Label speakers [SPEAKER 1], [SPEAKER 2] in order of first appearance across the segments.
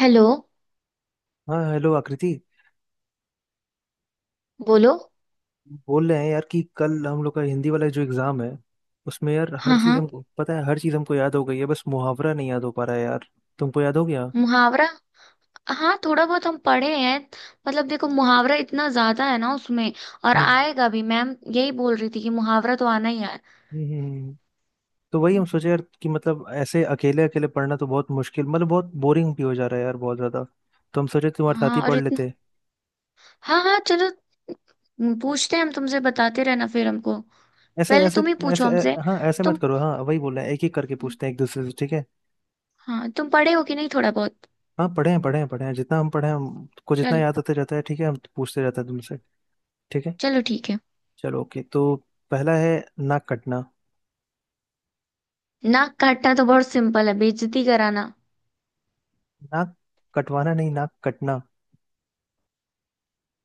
[SPEAKER 1] Hello.
[SPEAKER 2] हाँ, hello Akriti.
[SPEAKER 1] बोलो।
[SPEAKER 2] बोल रहे हैं यार कि कल हम लोग का हिंदी वाला जो एग्जाम है, उसमें यार हर
[SPEAKER 1] हाँ,
[SPEAKER 2] चीज
[SPEAKER 1] हाँ।
[SPEAKER 2] हमको पता है, हर चीज हमको याद हो गई है, बस मुहावरा नहीं याद हो पा रहा है यार। तुमको याद हो गया? हम्म।
[SPEAKER 1] मुहावरा। हाँ, थोड़ा बहुत हम पढ़े हैं। मतलब देखो, मुहावरा इतना ज्यादा है ना उसमें। और
[SPEAKER 2] हम्म,
[SPEAKER 1] आएगा भी, मैम यही बोल रही थी कि मुहावरा तो आना ही है।
[SPEAKER 2] हम्म। हम्म, हम्म। तो वही हम सोचे यार कि मतलब ऐसे अकेले अकेले पढ़ना तो बहुत मुश्किल, मतलब बहुत बोरिंग भी हो जा रहा है यार, बहुत ज्यादा। तो हम सोचे तुम्हारे साथ ही
[SPEAKER 1] हाँ और
[SPEAKER 2] पढ़
[SPEAKER 1] इतना।
[SPEAKER 2] लेते।
[SPEAKER 1] हाँ, हाँ, चलो। पूछते हैं हम तुमसे, बताते रहना फिर हमको।
[SPEAKER 2] ऐसे
[SPEAKER 1] पहले
[SPEAKER 2] ऐसे
[SPEAKER 1] तुम ही पूछो
[SPEAKER 2] ऐसे
[SPEAKER 1] हमसे।
[SPEAKER 2] ऐ- हाँ, ऐसे मत
[SPEAKER 1] तुम।
[SPEAKER 2] करो। हाँ वही बोल रहे हैं, एक एक करके पूछते हैं एक दूसरे से, ठीक है?
[SPEAKER 1] हाँ, तुम पढ़े हो कि नहीं, थोड़ा बहुत?
[SPEAKER 2] हाँ, पढ़े हैं पढ़े हैं पढ़े हैं, जितना हम पढ़े हैं, हमको जितना
[SPEAKER 1] चलो।
[SPEAKER 2] याद होते रहता है, ठीक है, हम पूछते रहते हैं तुमसे। ठीक है।
[SPEAKER 1] चलो, ठीक है।
[SPEAKER 2] चलो, ओके, तो पहला है, नाक कटना।
[SPEAKER 1] नाक काटना तो बहुत सिंपल है, बेइज्जती कराना।
[SPEAKER 2] नाक कटवाना नहीं, नाक कटना।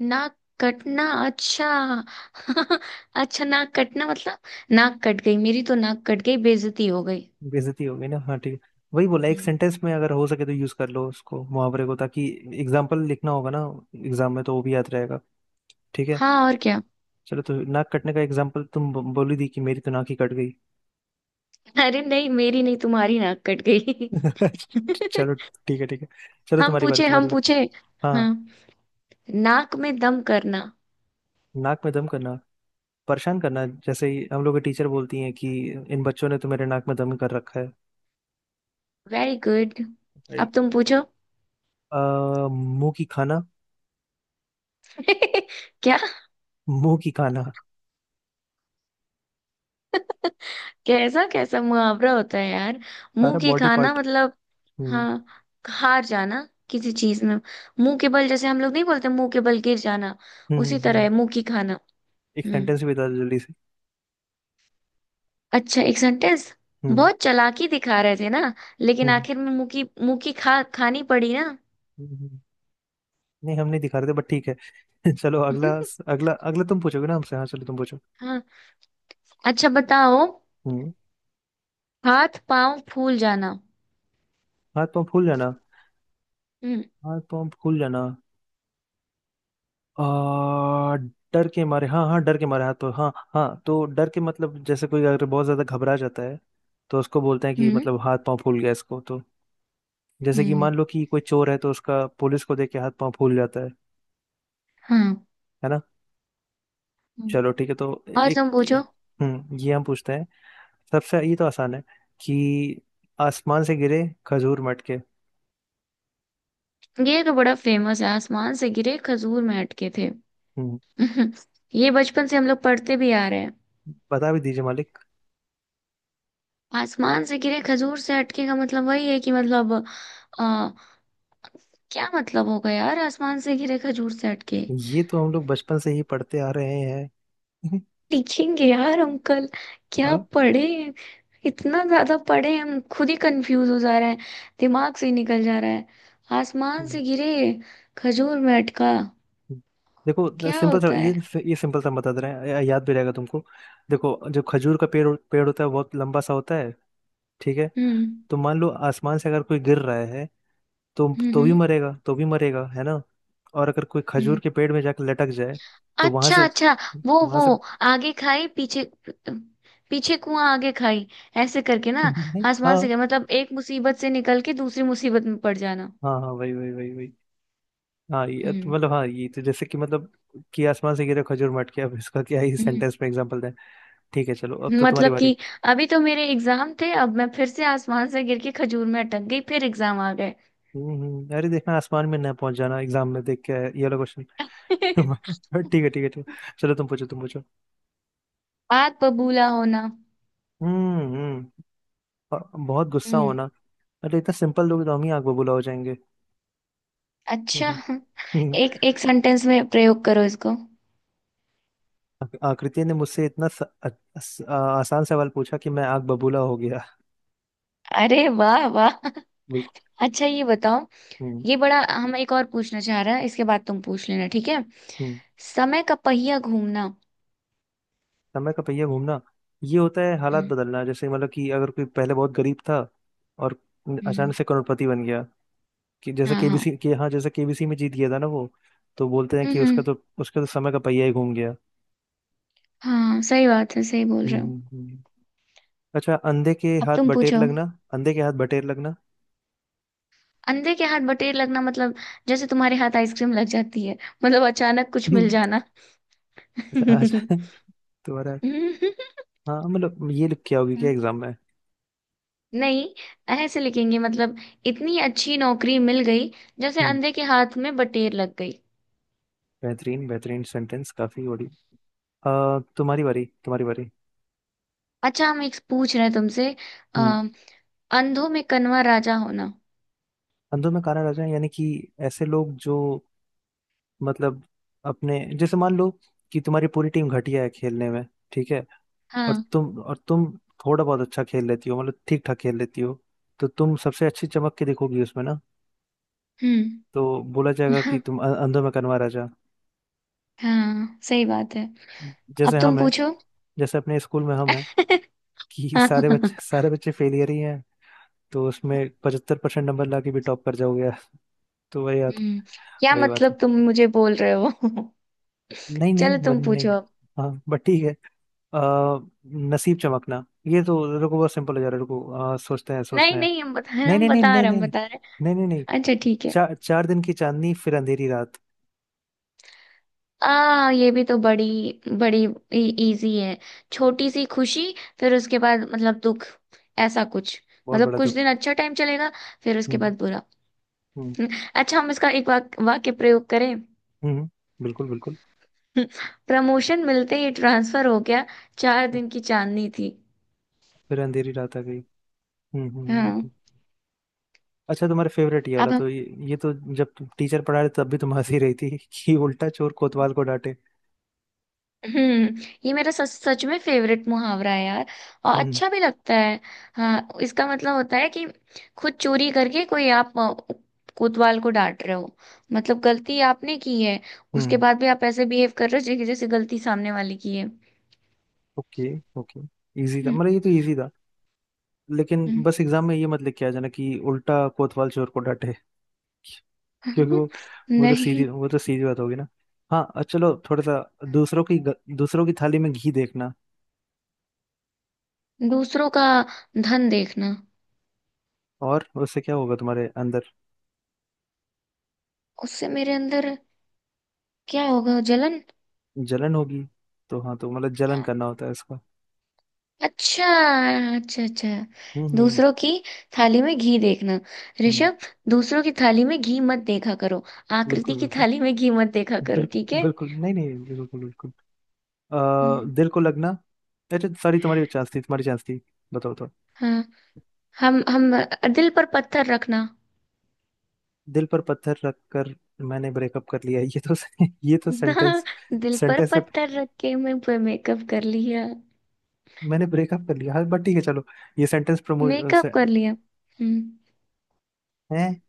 [SPEAKER 1] नाक कटना, अच्छा। अच्छा, नाक कटना मतलब। नाक कट गई, मेरी तो नाक कट गई, बेइज्जती हो गई।
[SPEAKER 2] बेइज्जती हो गई ना, हाँ ठीक है। वही बोला, एक
[SPEAKER 1] हम्म।
[SPEAKER 2] सेंटेंस में अगर हो सके तो यूज कर लो उसको, मुहावरे को, ताकि एग्जाम्पल लिखना होगा ना एग्जाम में, तो वो भी याद रहेगा। ठीक है।
[SPEAKER 1] हाँ, और क्या।
[SPEAKER 2] चलो, तो नाक कटने का एग्जाम्पल तुम बोली दी कि मेरी तो नाक ही कट गई।
[SPEAKER 1] अरे नहीं, मेरी नहीं, तुम्हारी नाक कट गई।
[SPEAKER 2] चलो, ठीक है ठीक है। चलो,
[SPEAKER 1] हम
[SPEAKER 2] तुम्हारी बारी,
[SPEAKER 1] पूछे, हम
[SPEAKER 2] तुम्हारी।
[SPEAKER 1] पूछे।
[SPEAKER 2] हाँ,
[SPEAKER 1] हाँ। नाक में दम करना।
[SPEAKER 2] नाक में दम करना। परेशान करना, जैसे ही हम लोग की टीचर बोलती हैं कि इन बच्चों ने तो मेरे नाक में दम कर रखा है।
[SPEAKER 1] Very good. अब
[SPEAKER 2] Like,
[SPEAKER 1] तुम पूछो।
[SPEAKER 2] मुंह की खाना।
[SPEAKER 1] क्या।
[SPEAKER 2] मुंह की खाना?
[SPEAKER 1] कैसा कैसा मुहावरा होता है यार?
[SPEAKER 2] सारा
[SPEAKER 1] मुंह की
[SPEAKER 2] बॉडी
[SPEAKER 1] खाना
[SPEAKER 2] पार्ट।
[SPEAKER 1] मतलब।
[SPEAKER 2] हम्म।
[SPEAKER 1] हाँ, हार जाना किसी चीज में। मुंह के बल, जैसे हम लोग नहीं बोलते मुंह के बल गिर जाना।
[SPEAKER 2] हम्म।
[SPEAKER 1] उसी
[SPEAKER 2] हम्म।
[SPEAKER 1] तरह
[SPEAKER 2] हम्म।
[SPEAKER 1] है मुंह की खाना।
[SPEAKER 2] एक
[SPEAKER 1] हम्म।
[SPEAKER 2] सेंटेंस भी बता दो जल्दी से।
[SPEAKER 1] अच्छा, एक सेंटेंस।
[SPEAKER 2] हम्म।
[SPEAKER 1] बहुत चालाकी दिखा रहे थे ना, लेकिन
[SPEAKER 2] हम्म।
[SPEAKER 1] आखिर में मुंह की खा खानी पड़ी ना।
[SPEAKER 2] हम्म। हम्म। नहीं, हम नहीं दिखा रहे थे, बट ठीक है। चलो, अगला। अगला अगला तुम पूछोगे ना हमसे, हाँ चलो तुम पूछो।
[SPEAKER 1] हाँ। अच्छा, बताओ।
[SPEAKER 2] हम्म।
[SPEAKER 1] हाथ पांव फूल जाना।
[SPEAKER 2] हाथ पाँव फूल जाना।
[SPEAKER 1] हम्म,
[SPEAKER 2] हाथ पाँव फूल जाना। आ, डर के मारे, हाँ हाँ, डर के मारे हाथ पाँव, हाँ हाँ। तो डर के मतलब, जैसे कोई अगर बहुत ज्यादा घबरा जाता है तो उसको बोलते हैं कि
[SPEAKER 1] हम्म,
[SPEAKER 2] मतलब हाथ पाँव फूल गया इसको तो। जैसे कि
[SPEAKER 1] हम्म,
[SPEAKER 2] मान लो कि कोई चोर है, तो उसका पुलिस को देख के हाथ पाँव फूल जाता है
[SPEAKER 1] हाँ,
[SPEAKER 2] ना।
[SPEAKER 1] हम्म।
[SPEAKER 2] चलो ठीक है तो
[SPEAKER 1] और
[SPEAKER 2] एक।
[SPEAKER 1] तुम पूछो।
[SPEAKER 2] हम्म, ये हम पूछते हैं, सबसे ये तो आसान है कि आसमान से गिरे खजूर मटके।
[SPEAKER 1] ये तो बड़ा फेमस है, आसमान से गिरे खजूर में अटके थे।
[SPEAKER 2] हम्म।
[SPEAKER 1] ये बचपन से हम लोग पढ़ते भी आ रहे हैं।
[SPEAKER 2] बता भी दीजिए मालिक।
[SPEAKER 1] आसमान से गिरे खजूर से अटके का मतलब वही है कि मतलब। आ, क्या मतलब होगा यार, आसमान से गिरे खजूर से अटके?
[SPEAKER 2] ये तो हम लोग बचपन से ही पढ़ते आ रहे हैं।
[SPEAKER 1] लिखेंगे यार अंकल। क्या
[SPEAKER 2] हाँ।
[SPEAKER 1] पढ़े हैं? इतना ज्यादा पढ़े हैं, हम खुद ही कंफ्यूज हो जा रहे हैं। दिमाग से ही निकल जा रहा है। आसमान
[SPEAKER 2] हम्म,
[SPEAKER 1] से गिरे खजूर में अटका।
[SPEAKER 2] हम्म। देखो,
[SPEAKER 1] क्या
[SPEAKER 2] सिंपल सा
[SPEAKER 1] होता
[SPEAKER 2] ये
[SPEAKER 1] है?
[SPEAKER 2] ये सिंपल सा बता दे रहे हैं, याद भी रहेगा तुमको। देखो, जो खजूर का पेड़ पेड़ होता है, बहुत लंबा सा होता है, ठीक है।
[SPEAKER 1] हम्म,
[SPEAKER 2] तो मान लो आसमान से अगर कोई गिर रहा है, तो भी
[SPEAKER 1] हम्म,
[SPEAKER 2] मरेगा, तो भी मरेगा, है ना। और अगर कोई खजूर
[SPEAKER 1] हम्म।
[SPEAKER 2] के पेड़ में जाकर लटक जाए, तो वहां
[SPEAKER 1] अच्छा,
[SPEAKER 2] से
[SPEAKER 1] अच्छा। वो
[SPEAKER 2] वहां
[SPEAKER 1] वो
[SPEAKER 2] से
[SPEAKER 1] आगे खाई, पीछे। पीछे कुआं, आगे खाई। ऐसे करके ना।
[SPEAKER 2] नहीं,
[SPEAKER 1] आसमान
[SPEAKER 2] हाँ
[SPEAKER 1] से गिरा। मतलब एक मुसीबत से निकल के दूसरी मुसीबत में पड़ जाना।
[SPEAKER 2] हाँ हाँ, वही वही वही वही। हाँ, ये तो
[SPEAKER 1] हम्म,
[SPEAKER 2] मतलब, हाँ ये तो जैसे कि मतलब कि आसमान से गिरे खजूर मट के, अब इसका क्या ही
[SPEAKER 1] हम्म।
[SPEAKER 2] सेंटेंस में एग्जांपल दें। ठीक है, चलो अब तो तुम्हारी
[SPEAKER 1] मतलब
[SPEAKER 2] बारी।
[SPEAKER 1] कि अभी तो मेरे एग्जाम थे, अब मैं फिर से आसमान से गिर के खजूर में अटक गई, फिर एग्जाम आ गए।
[SPEAKER 2] हम्म, अरे देखना, आसमान में ना पहुंच जाना एग्जाम में देख के ये वाला क्वेश्चन। ठीक है ठीक है ठीक है, चलो तुम पूछो, तुम पूछो।
[SPEAKER 1] बात बबूला होना।
[SPEAKER 2] हम्म, अ- बहुत गुस्सा
[SPEAKER 1] हम्म।
[SPEAKER 2] होना। अरे, इतना सिंपल लोग तो हम ही आग बबूला हो जाएंगे।
[SPEAKER 1] अच्छा, एक एक सेंटेंस में प्रयोग करो इसको।
[SPEAKER 2] आकृति ने मुझसे इतना स, अ- अस- आ, आसान सवाल पूछा कि मैं आग बबूला हो गया।
[SPEAKER 1] अरे वाह, वाह।
[SPEAKER 2] बिल्कुल।
[SPEAKER 1] अच्छा, ये बताओ।
[SPEAKER 2] हम्म,
[SPEAKER 1] ये बड़ा, हम एक और पूछना चाह रहे हैं, इसके बाद तुम पूछ लेना, ठीक है।
[SPEAKER 2] हम्म।
[SPEAKER 1] समय का पहिया घूमना।
[SPEAKER 2] समय का पहिया घूमना। ये होता है हालात
[SPEAKER 1] हम्म,
[SPEAKER 2] बदलना, जैसे मतलब कि अगर कोई पहले बहुत गरीब था और अचानक
[SPEAKER 1] हम्म,
[SPEAKER 2] से करोड़पति बन गया, कि जैसे
[SPEAKER 1] हाँ, हाँ,
[SPEAKER 2] केबीसी के, हाँ जैसे केबीसी में जीत गया था ना वो, तो बोलते हैं कि
[SPEAKER 1] हम्म,
[SPEAKER 2] उसका तो उसका तो समय का पहिया ही घूम गया।
[SPEAKER 1] हाँ, सही बात है, सही बोल
[SPEAKER 2] हम्म,
[SPEAKER 1] रहे हो।
[SPEAKER 2] अच्छा, अंधे के
[SPEAKER 1] अब
[SPEAKER 2] हाथ
[SPEAKER 1] तुम
[SPEAKER 2] बटेर
[SPEAKER 1] पूछो।
[SPEAKER 2] लगना। अंधे के हाथ बटेर लगना।
[SPEAKER 1] अंधे के हाथ बटेर लगना मतलब। जैसे तुम्हारे हाथ आइसक्रीम लग जाती है। मतलब अचानक कुछ मिल जाना।
[SPEAKER 2] अच्छा अच्छा, तुम्हारा। हाँ, मतलब ये लिख के आओगी क्या एग्जाम में?
[SPEAKER 1] नहीं। ऐसे लिखेंगे मतलब। इतनी अच्छी नौकरी मिल गई। जैसे
[SPEAKER 2] हम्म।
[SPEAKER 1] अंधे के हाथ में बटेर लग गई।
[SPEAKER 2] बेहतरीन बेहतरीन सेंटेंस, काफी बड़ी। तुम्हारी बारी, तुम्हारी बारी।
[SPEAKER 1] अच्छा, हम एक पूछ रहे हैं तुमसे। अ,
[SPEAKER 2] हम्म।
[SPEAKER 1] अंधों में कन्वा राजा होना।
[SPEAKER 2] अंधों में काना राजा, यानी कि ऐसे लोग जो, मतलब, अपने जैसे मान लो कि तुम्हारी पूरी टीम घटिया है खेलने में, ठीक है। और
[SPEAKER 1] हाँ,
[SPEAKER 2] तुम और तुम थोड़ा बहुत अच्छा खेल लेती हो, मतलब ठीक ठाक खेल लेती हो, तो तुम सबसे अच्छी चमक के दिखोगी उसमें ना।
[SPEAKER 1] हम्म,
[SPEAKER 2] तो बोला जाएगा कि
[SPEAKER 1] हाँ,
[SPEAKER 2] तुम अंधों में कनवा राजा।
[SPEAKER 1] हाँ, सही बात है।
[SPEAKER 2] जैसे
[SPEAKER 1] अब तुम
[SPEAKER 2] हम हैं,
[SPEAKER 1] पूछो।
[SPEAKER 2] जैसे अपने स्कूल में हम हैं, कि
[SPEAKER 1] हम्म।
[SPEAKER 2] सारे बच्चे फेलियर ही हैं, तो उसमें 75% नंबर ला के भी टॉप कर जाओगे। तो वही बात।
[SPEAKER 1] क्या
[SPEAKER 2] वही बात है।
[SPEAKER 1] मतलब, तुम मुझे बोल रहे हो?
[SPEAKER 2] नहीं नहीं,
[SPEAKER 1] चलो,
[SPEAKER 2] वन
[SPEAKER 1] तुम
[SPEAKER 2] नहीं
[SPEAKER 1] पूछो
[SPEAKER 2] नहीं।
[SPEAKER 1] अब।
[SPEAKER 2] हाँ, बट ठीक है। आ, नसीब चमकना, ये तो रुको, बहुत सिंपल हो जा रहा है, रुको सोचते हैं, सोचते
[SPEAKER 1] नहीं,
[SPEAKER 2] हैं।
[SPEAKER 1] नहीं, हम बता रहे,
[SPEAKER 2] नहीं
[SPEAKER 1] हम
[SPEAKER 2] नहीं नहीं
[SPEAKER 1] बता
[SPEAKER 2] नहीं
[SPEAKER 1] रहे, हम
[SPEAKER 2] नहीं नहीं
[SPEAKER 1] बता रहे।
[SPEAKER 2] नहीं नहीं नहीं।
[SPEAKER 1] अच्छा, ठीक है।
[SPEAKER 2] चार चार दिन की चांदनी फिर अंधेरी रात।
[SPEAKER 1] आ ये भी तो बड़ी, बड़ी इजी है। छोटी सी खुशी। फिर उसके बाद मतलब दुख। ऐसा कुछ।
[SPEAKER 2] बहुत
[SPEAKER 1] मतलब
[SPEAKER 2] बड़ा
[SPEAKER 1] कुछ
[SPEAKER 2] दुख।
[SPEAKER 1] दिन अच्छा टाइम चलेगा। फिर उसके
[SPEAKER 2] हम्म।
[SPEAKER 1] बाद बुरा।
[SPEAKER 2] हम्म।
[SPEAKER 1] अच्छा, हम इसका एक वाक्य प्रयोग करें?
[SPEAKER 2] हम्म। बिल्कुल बिल्कुल।
[SPEAKER 1] प्रमोशन मिलते ही ट्रांसफर हो गया। चार दिन की चांदनी थी।
[SPEAKER 2] फिर अंधेरी रात आ गई। हम्म, हम्म,
[SPEAKER 1] हाँ।
[SPEAKER 2] अच्छा, तुम्हारे फेवरेट ये वाला
[SPEAKER 1] अब
[SPEAKER 2] तो
[SPEAKER 1] हम-
[SPEAKER 2] ये तो जब टीचर पढ़ा रहे तब भी तुम हंसी रही थी, कि उल्टा चोर कोतवाल को डांटे।
[SPEAKER 1] हम्म। ये मेरा सच सच में फेवरेट मुहावरा है यार। और
[SPEAKER 2] हम्म।
[SPEAKER 1] अच्छा भी लगता है। हाँ, इसका मतलब होता है कि खुद चोरी करके कोई आप कोतवाल को डांट रहे हो। मतलब गलती आपने की है। उसके
[SPEAKER 2] हम्म।
[SPEAKER 1] बाद भी आप ऐसे बिहेव कर रहे हो जैसे गलती सामने वाले की है।
[SPEAKER 2] Okay okay. इजी था,
[SPEAKER 1] हम्म,
[SPEAKER 2] मतलब ये तो इजी था। लेकिन
[SPEAKER 1] हम्म।
[SPEAKER 2] बस एग्जाम में ये मत लिख के आ जाना कि उल्टा कोतवाल चोर को डांटे। क्योंकि वो वो तो सीधी
[SPEAKER 1] नहीं।
[SPEAKER 2] वो तो सीधी बात होगी ना। हाँ, चलो थोड़ा सा, दूसरों की थाली में घी देखना।
[SPEAKER 1] दूसरों का धन देखना।
[SPEAKER 2] और उससे क्या होगा तुम्हारे अंदर?
[SPEAKER 1] उससे मेरे अंदर क्या होगा? जलन।
[SPEAKER 2] जलन होगी। तो हाँ, तो मतलब जलन
[SPEAKER 1] हाँ।
[SPEAKER 2] करना होता है इसका।
[SPEAKER 1] अच्छा, अच्छा, अच्छा।
[SPEAKER 2] हम्म, हम्म,
[SPEAKER 1] दूसरों की थाली में घी देखना।
[SPEAKER 2] हम्म।
[SPEAKER 1] ऋषभ, दूसरों की थाली में घी मत देखा करो। आकृति
[SPEAKER 2] बिल्कुल
[SPEAKER 1] की
[SPEAKER 2] बिल्कुल,
[SPEAKER 1] थाली में घी मत देखा करो,
[SPEAKER 2] बिल,
[SPEAKER 1] ठीक है।
[SPEAKER 2] बिल्कुल नहीं नहीं, बिल्कुल बिल्कुल।
[SPEAKER 1] हम्म,
[SPEAKER 2] दिल को लगना। अच्छा सॉरी, तुम्हारी चांस थी, तुम्हारी चांस थी। बताओ।
[SPEAKER 1] हाँ। हम दिल पर पत्थर रखना।
[SPEAKER 2] दिल पर पत्थर रख कर मैंने ब्रेकअप कर लिया, ये तो। ये तो
[SPEAKER 1] ना,
[SPEAKER 2] सेंटेंस,
[SPEAKER 1] दिल पर
[SPEAKER 2] सेंटेंस है।
[SPEAKER 1] पत्थर रख के मैं पे मेकअप कर लिया।
[SPEAKER 2] मैंने ब्रेकअप कर लिया, हाँ बट ठीक है, चलो। ये सेंटेंस प्रमोट
[SPEAKER 1] मेकअप कर लिया, हम्म।
[SPEAKER 2] है,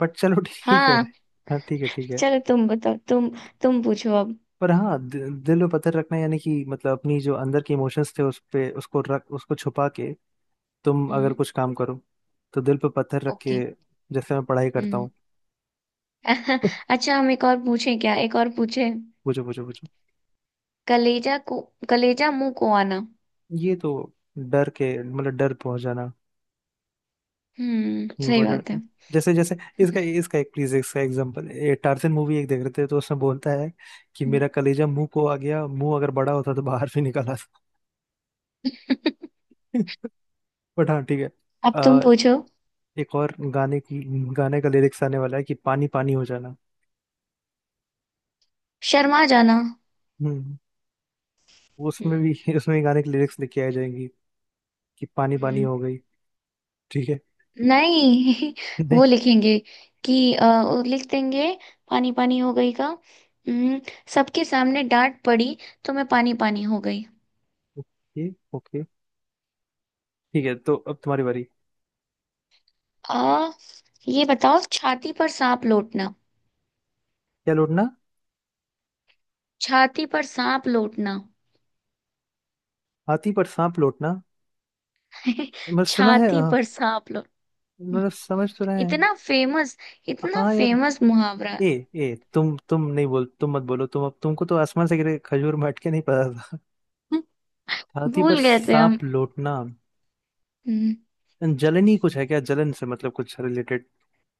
[SPEAKER 2] बट चलो, ठीक है।
[SPEAKER 1] हाँ।
[SPEAKER 2] हाँ ठीक है ठीक है।
[SPEAKER 1] चलो, तुम बताओ, तुम। तुम पूछो अब।
[SPEAKER 2] पर हाँ, दिल पे पत्थर रखना, यानी कि मतलब अपनी जो अंदर के इमोशंस थे, उस पे, उसको रख, उसको छुपा के तुम अगर
[SPEAKER 1] हम्म,
[SPEAKER 2] कुछ काम करो, तो दिल पे पत्थर रख के,
[SPEAKER 1] ओके,
[SPEAKER 2] जैसे मैं पढ़ाई करता
[SPEAKER 1] हम्म।
[SPEAKER 2] हूँ।
[SPEAKER 1] अच्छा, हम एक और पूछें क्या, एक और पूछें?
[SPEAKER 2] पूछो पूछो पूछो।
[SPEAKER 1] कलेजा को कलेजा मुंह को आना।
[SPEAKER 2] ये तो डर, के मतलब डर पहुंच जाना।
[SPEAKER 1] हम्म, सही बात है।
[SPEAKER 2] बॉलीवुड, जैसे जैसे इसका इसका एक प्लीज इसका एग्जांपल, ये टार्जन मूवी एक देख रहे थे, तो उसमें बोलता है कि मेरा कलेजा मुंह को आ गया, मुंह अगर बड़ा होता तो बाहर भी निकल आता। बट हाँ ठीक है।
[SPEAKER 1] अब तुम
[SPEAKER 2] अ,
[SPEAKER 1] पूछो।
[SPEAKER 2] एक और गाने का लिरिक्स आने वाला है, कि पानी पानी हो जाना।
[SPEAKER 1] शर्मा जाना।
[SPEAKER 2] हम्म। उसमें भी, उसमें भी गाने के लिरिक्स लिखे आ जाएंगी, कि पानी पानी
[SPEAKER 1] हम्म।
[SPEAKER 2] हो गई। ठीक है।
[SPEAKER 1] नहीं।
[SPEAKER 2] नहीं।
[SPEAKER 1] वो लिखेंगे कि वो लिख देंगे, पानी पानी हो गई का। हम्म। सबके सामने डांट पड़ी, तो मैं पानी पानी हो गई।
[SPEAKER 2] Okay okay. ठीक है तो अब तुम्हारी बारी।
[SPEAKER 1] आ ये बताओ, छाती पर सांप लौटना।
[SPEAKER 2] क्या लौटना?
[SPEAKER 1] छाती पर सांप लौटना।
[SPEAKER 2] हाथी पर सांप लौटना? मैं सुना है,
[SPEAKER 1] छाती पर सांप लौट।
[SPEAKER 2] मतलब समझ तो रहे हैं।
[SPEAKER 1] इतना फेमस, इतना
[SPEAKER 2] हाँ यार।
[SPEAKER 1] फेमस मुहावरा।
[SPEAKER 2] ए ए, तुम नहीं बोल तुम मत बोलो। तुम, अब तुमको तो आसमान से गिरे खजूर में अटके नहीं पता था। छाती पर
[SPEAKER 1] भूल गए थे हम।
[SPEAKER 2] सांप लोटना,
[SPEAKER 1] हम्म,
[SPEAKER 2] जलन ही कुछ है क्या, जलन से मतलब कुछ रिलेटेड?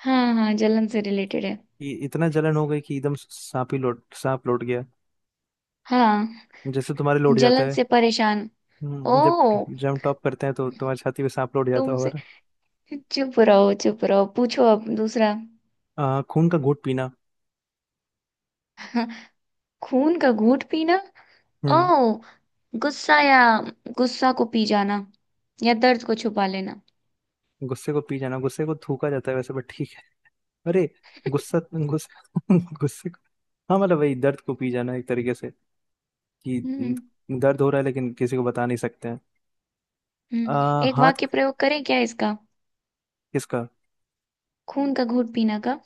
[SPEAKER 1] हाँ, हाँ, जलन से रिलेटेड है।
[SPEAKER 2] कि इतना जलन हो गई कि एकदम सांप लोट गया।
[SPEAKER 1] हाँ,
[SPEAKER 2] जैसे तुम्हारे लोट जाता
[SPEAKER 1] जलन
[SPEAKER 2] है।
[SPEAKER 1] से परेशान। ओ।
[SPEAKER 2] जब जब हम टॉप करते हैं तो तुम्हारी छाती पे सांप लोट जाता
[SPEAKER 1] तुमसे।
[SPEAKER 2] होगा।
[SPEAKER 1] चुप रहो, चुप रहो, पूछो अब दूसरा।
[SPEAKER 2] खून का घूंट पीना।
[SPEAKER 1] हाँ, खून का घूंट पीना। ओ।
[SPEAKER 2] हम्म।
[SPEAKER 1] गुस्सा, या गुस्सा को पी जाना, या दर्द को छुपा लेना।
[SPEAKER 2] गुस्से को पी जाना? गुस्से को थूका जाता है वैसे, बट ठीक है। अरे गुस्सा, गुस्सा, गुस्से को, हाँ मतलब वही, दर्द को पी जाना एक तरीके से, कि
[SPEAKER 1] हम्म,
[SPEAKER 2] दर्द हो रहा है लेकिन किसी को बता नहीं सकते हैं।
[SPEAKER 1] हम्म। एक
[SPEAKER 2] हाथ,
[SPEAKER 1] वाक्य प्रयोग करें क्या इसका?
[SPEAKER 2] किसका?
[SPEAKER 1] खून का घूंट पीना का।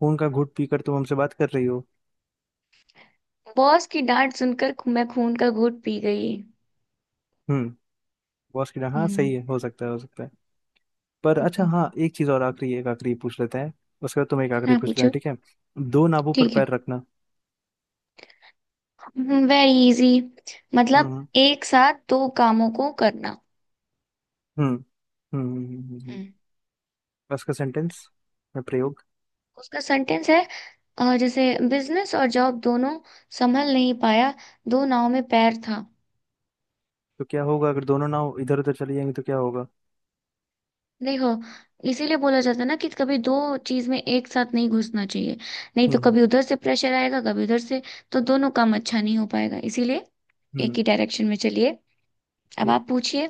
[SPEAKER 2] खून का घूंट पीकर तुम हमसे बात कर रही हो।
[SPEAKER 1] बॉस की डांट सुनकर मैं खून का घूंट पी गई।
[SPEAKER 2] हम्म। बॉस की डांट, हाँ सही
[SPEAKER 1] हम्म,
[SPEAKER 2] है, हो सकता है हो सकता है। पर
[SPEAKER 1] हम्म,
[SPEAKER 2] अच्छा,
[SPEAKER 1] हम्म।
[SPEAKER 2] हाँ एक चीज और आखिरी, एक आखिरी पूछ लेते हैं, उसके बाद तुम एक आखिरी
[SPEAKER 1] हाँ,
[SPEAKER 2] पूछ लेना,
[SPEAKER 1] पूछो।
[SPEAKER 2] ठीक है। दो नाभों पर
[SPEAKER 1] ठीक है।
[SPEAKER 2] पैर रखना।
[SPEAKER 1] Very easy. मतलब
[SPEAKER 2] हम्म,
[SPEAKER 1] एक साथ दो कामों को करना।
[SPEAKER 2] हम्म, हम्म,
[SPEAKER 1] हम्म।
[SPEAKER 2] बस का सेंटेंस या प्रयोग।
[SPEAKER 1] उसका सेंटेंस है। जैसे बिजनेस और जॉब दोनों संभल नहीं पाया। दो नाव में पैर था।
[SPEAKER 2] तो क्या होगा, अगर दोनों नाव इधर उधर चली जाएंगी तो क्या होगा।
[SPEAKER 1] देखो, इसीलिए बोला जाता है ना कि कभी दो चीज में एक साथ नहीं घुसना चाहिए। नहीं तो
[SPEAKER 2] हम्म।
[SPEAKER 1] कभी उधर से प्रेशर आएगा, कभी उधर से। तो दोनों काम अच्छा नहीं हो पाएगा, इसीलिए एक
[SPEAKER 2] हम्म।
[SPEAKER 1] ही डायरेक्शन में चलिए। अब
[SPEAKER 2] ये,
[SPEAKER 1] आप पूछिए।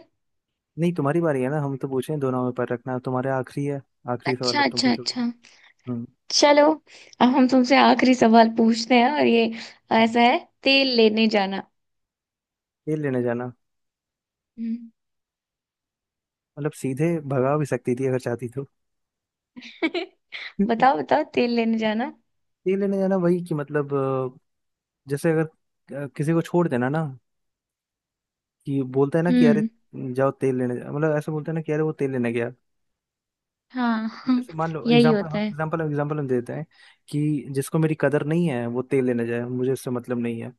[SPEAKER 2] नहीं तुम्हारी बारी है ना, हम तो पूछे हैं दो नाव पर रखना, तुम्हारे आखिरी है, आखिरी सवाल
[SPEAKER 1] अच्छा,
[SPEAKER 2] अब तुम
[SPEAKER 1] अच्छा,
[SPEAKER 2] पूछोगे।
[SPEAKER 1] अच्छा।
[SPEAKER 2] हम्म।
[SPEAKER 1] चलो। अब हम तुमसे आखिरी सवाल पूछते हैं, और ये ऐसा है। तेल लेने जाना।
[SPEAKER 2] तेल लेने जाना।
[SPEAKER 1] हम्म।
[SPEAKER 2] मतलब सीधे भगा भी सकती थी अगर चाहती तो।
[SPEAKER 1] बताओ, बताओ, तेल लेने जाना।
[SPEAKER 2] तेल लेने जाना, वही कि मतलब जैसे अगर, किसी को छोड़ देना ना, कि बोलता है ना कि अरे
[SPEAKER 1] हम्म,
[SPEAKER 2] जाओ तेल लेने मतलब ऐसा बोलता है ना कि अरे, वो तेल लेने गया।
[SPEAKER 1] हाँ। हाँ,
[SPEAKER 2] जैसे मान लो
[SPEAKER 1] यही
[SPEAKER 2] एग्जाम्पल,
[SPEAKER 1] होता है।
[SPEAKER 2] एग्जाम्पल एग्जाम्पल हम देते हैं कि जिसको मेरी कदर नहीं है वो तेल लेने जाए, मुझे इससे मतलब नहीं है।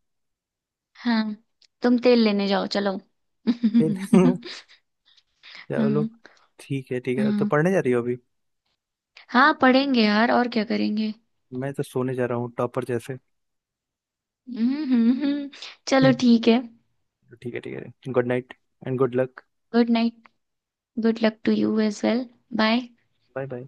[SPEAKER 1] हाँ, तुम तेल लेने जाओ, चलो।
[SPEAKER 2] तेल।
[SPEAKER 1] हम्म,
[SPEAKER 2] चलो ठीक है ठीक है, तो
[SPEAKER 1] हम्म,
[SPEAKER 2] पढ़ने जा रही हो अभी?
[SPEAKER 1] हाँ, पढ़ेंगे यार, और क्या करेंगे?
[SPEAKER 2] मैं तो सोने जा रहा हूँ, टॉपर जैसे।
[SPEAKER 1] हम्म, चलो, ठीक है।
[SPEAKER 2] ठीक है ठीक है, good night and good luck.
[SPEAKER 1] Good night. Good luck to you as well. Bye.
[SPEAKER 2] Bye bye.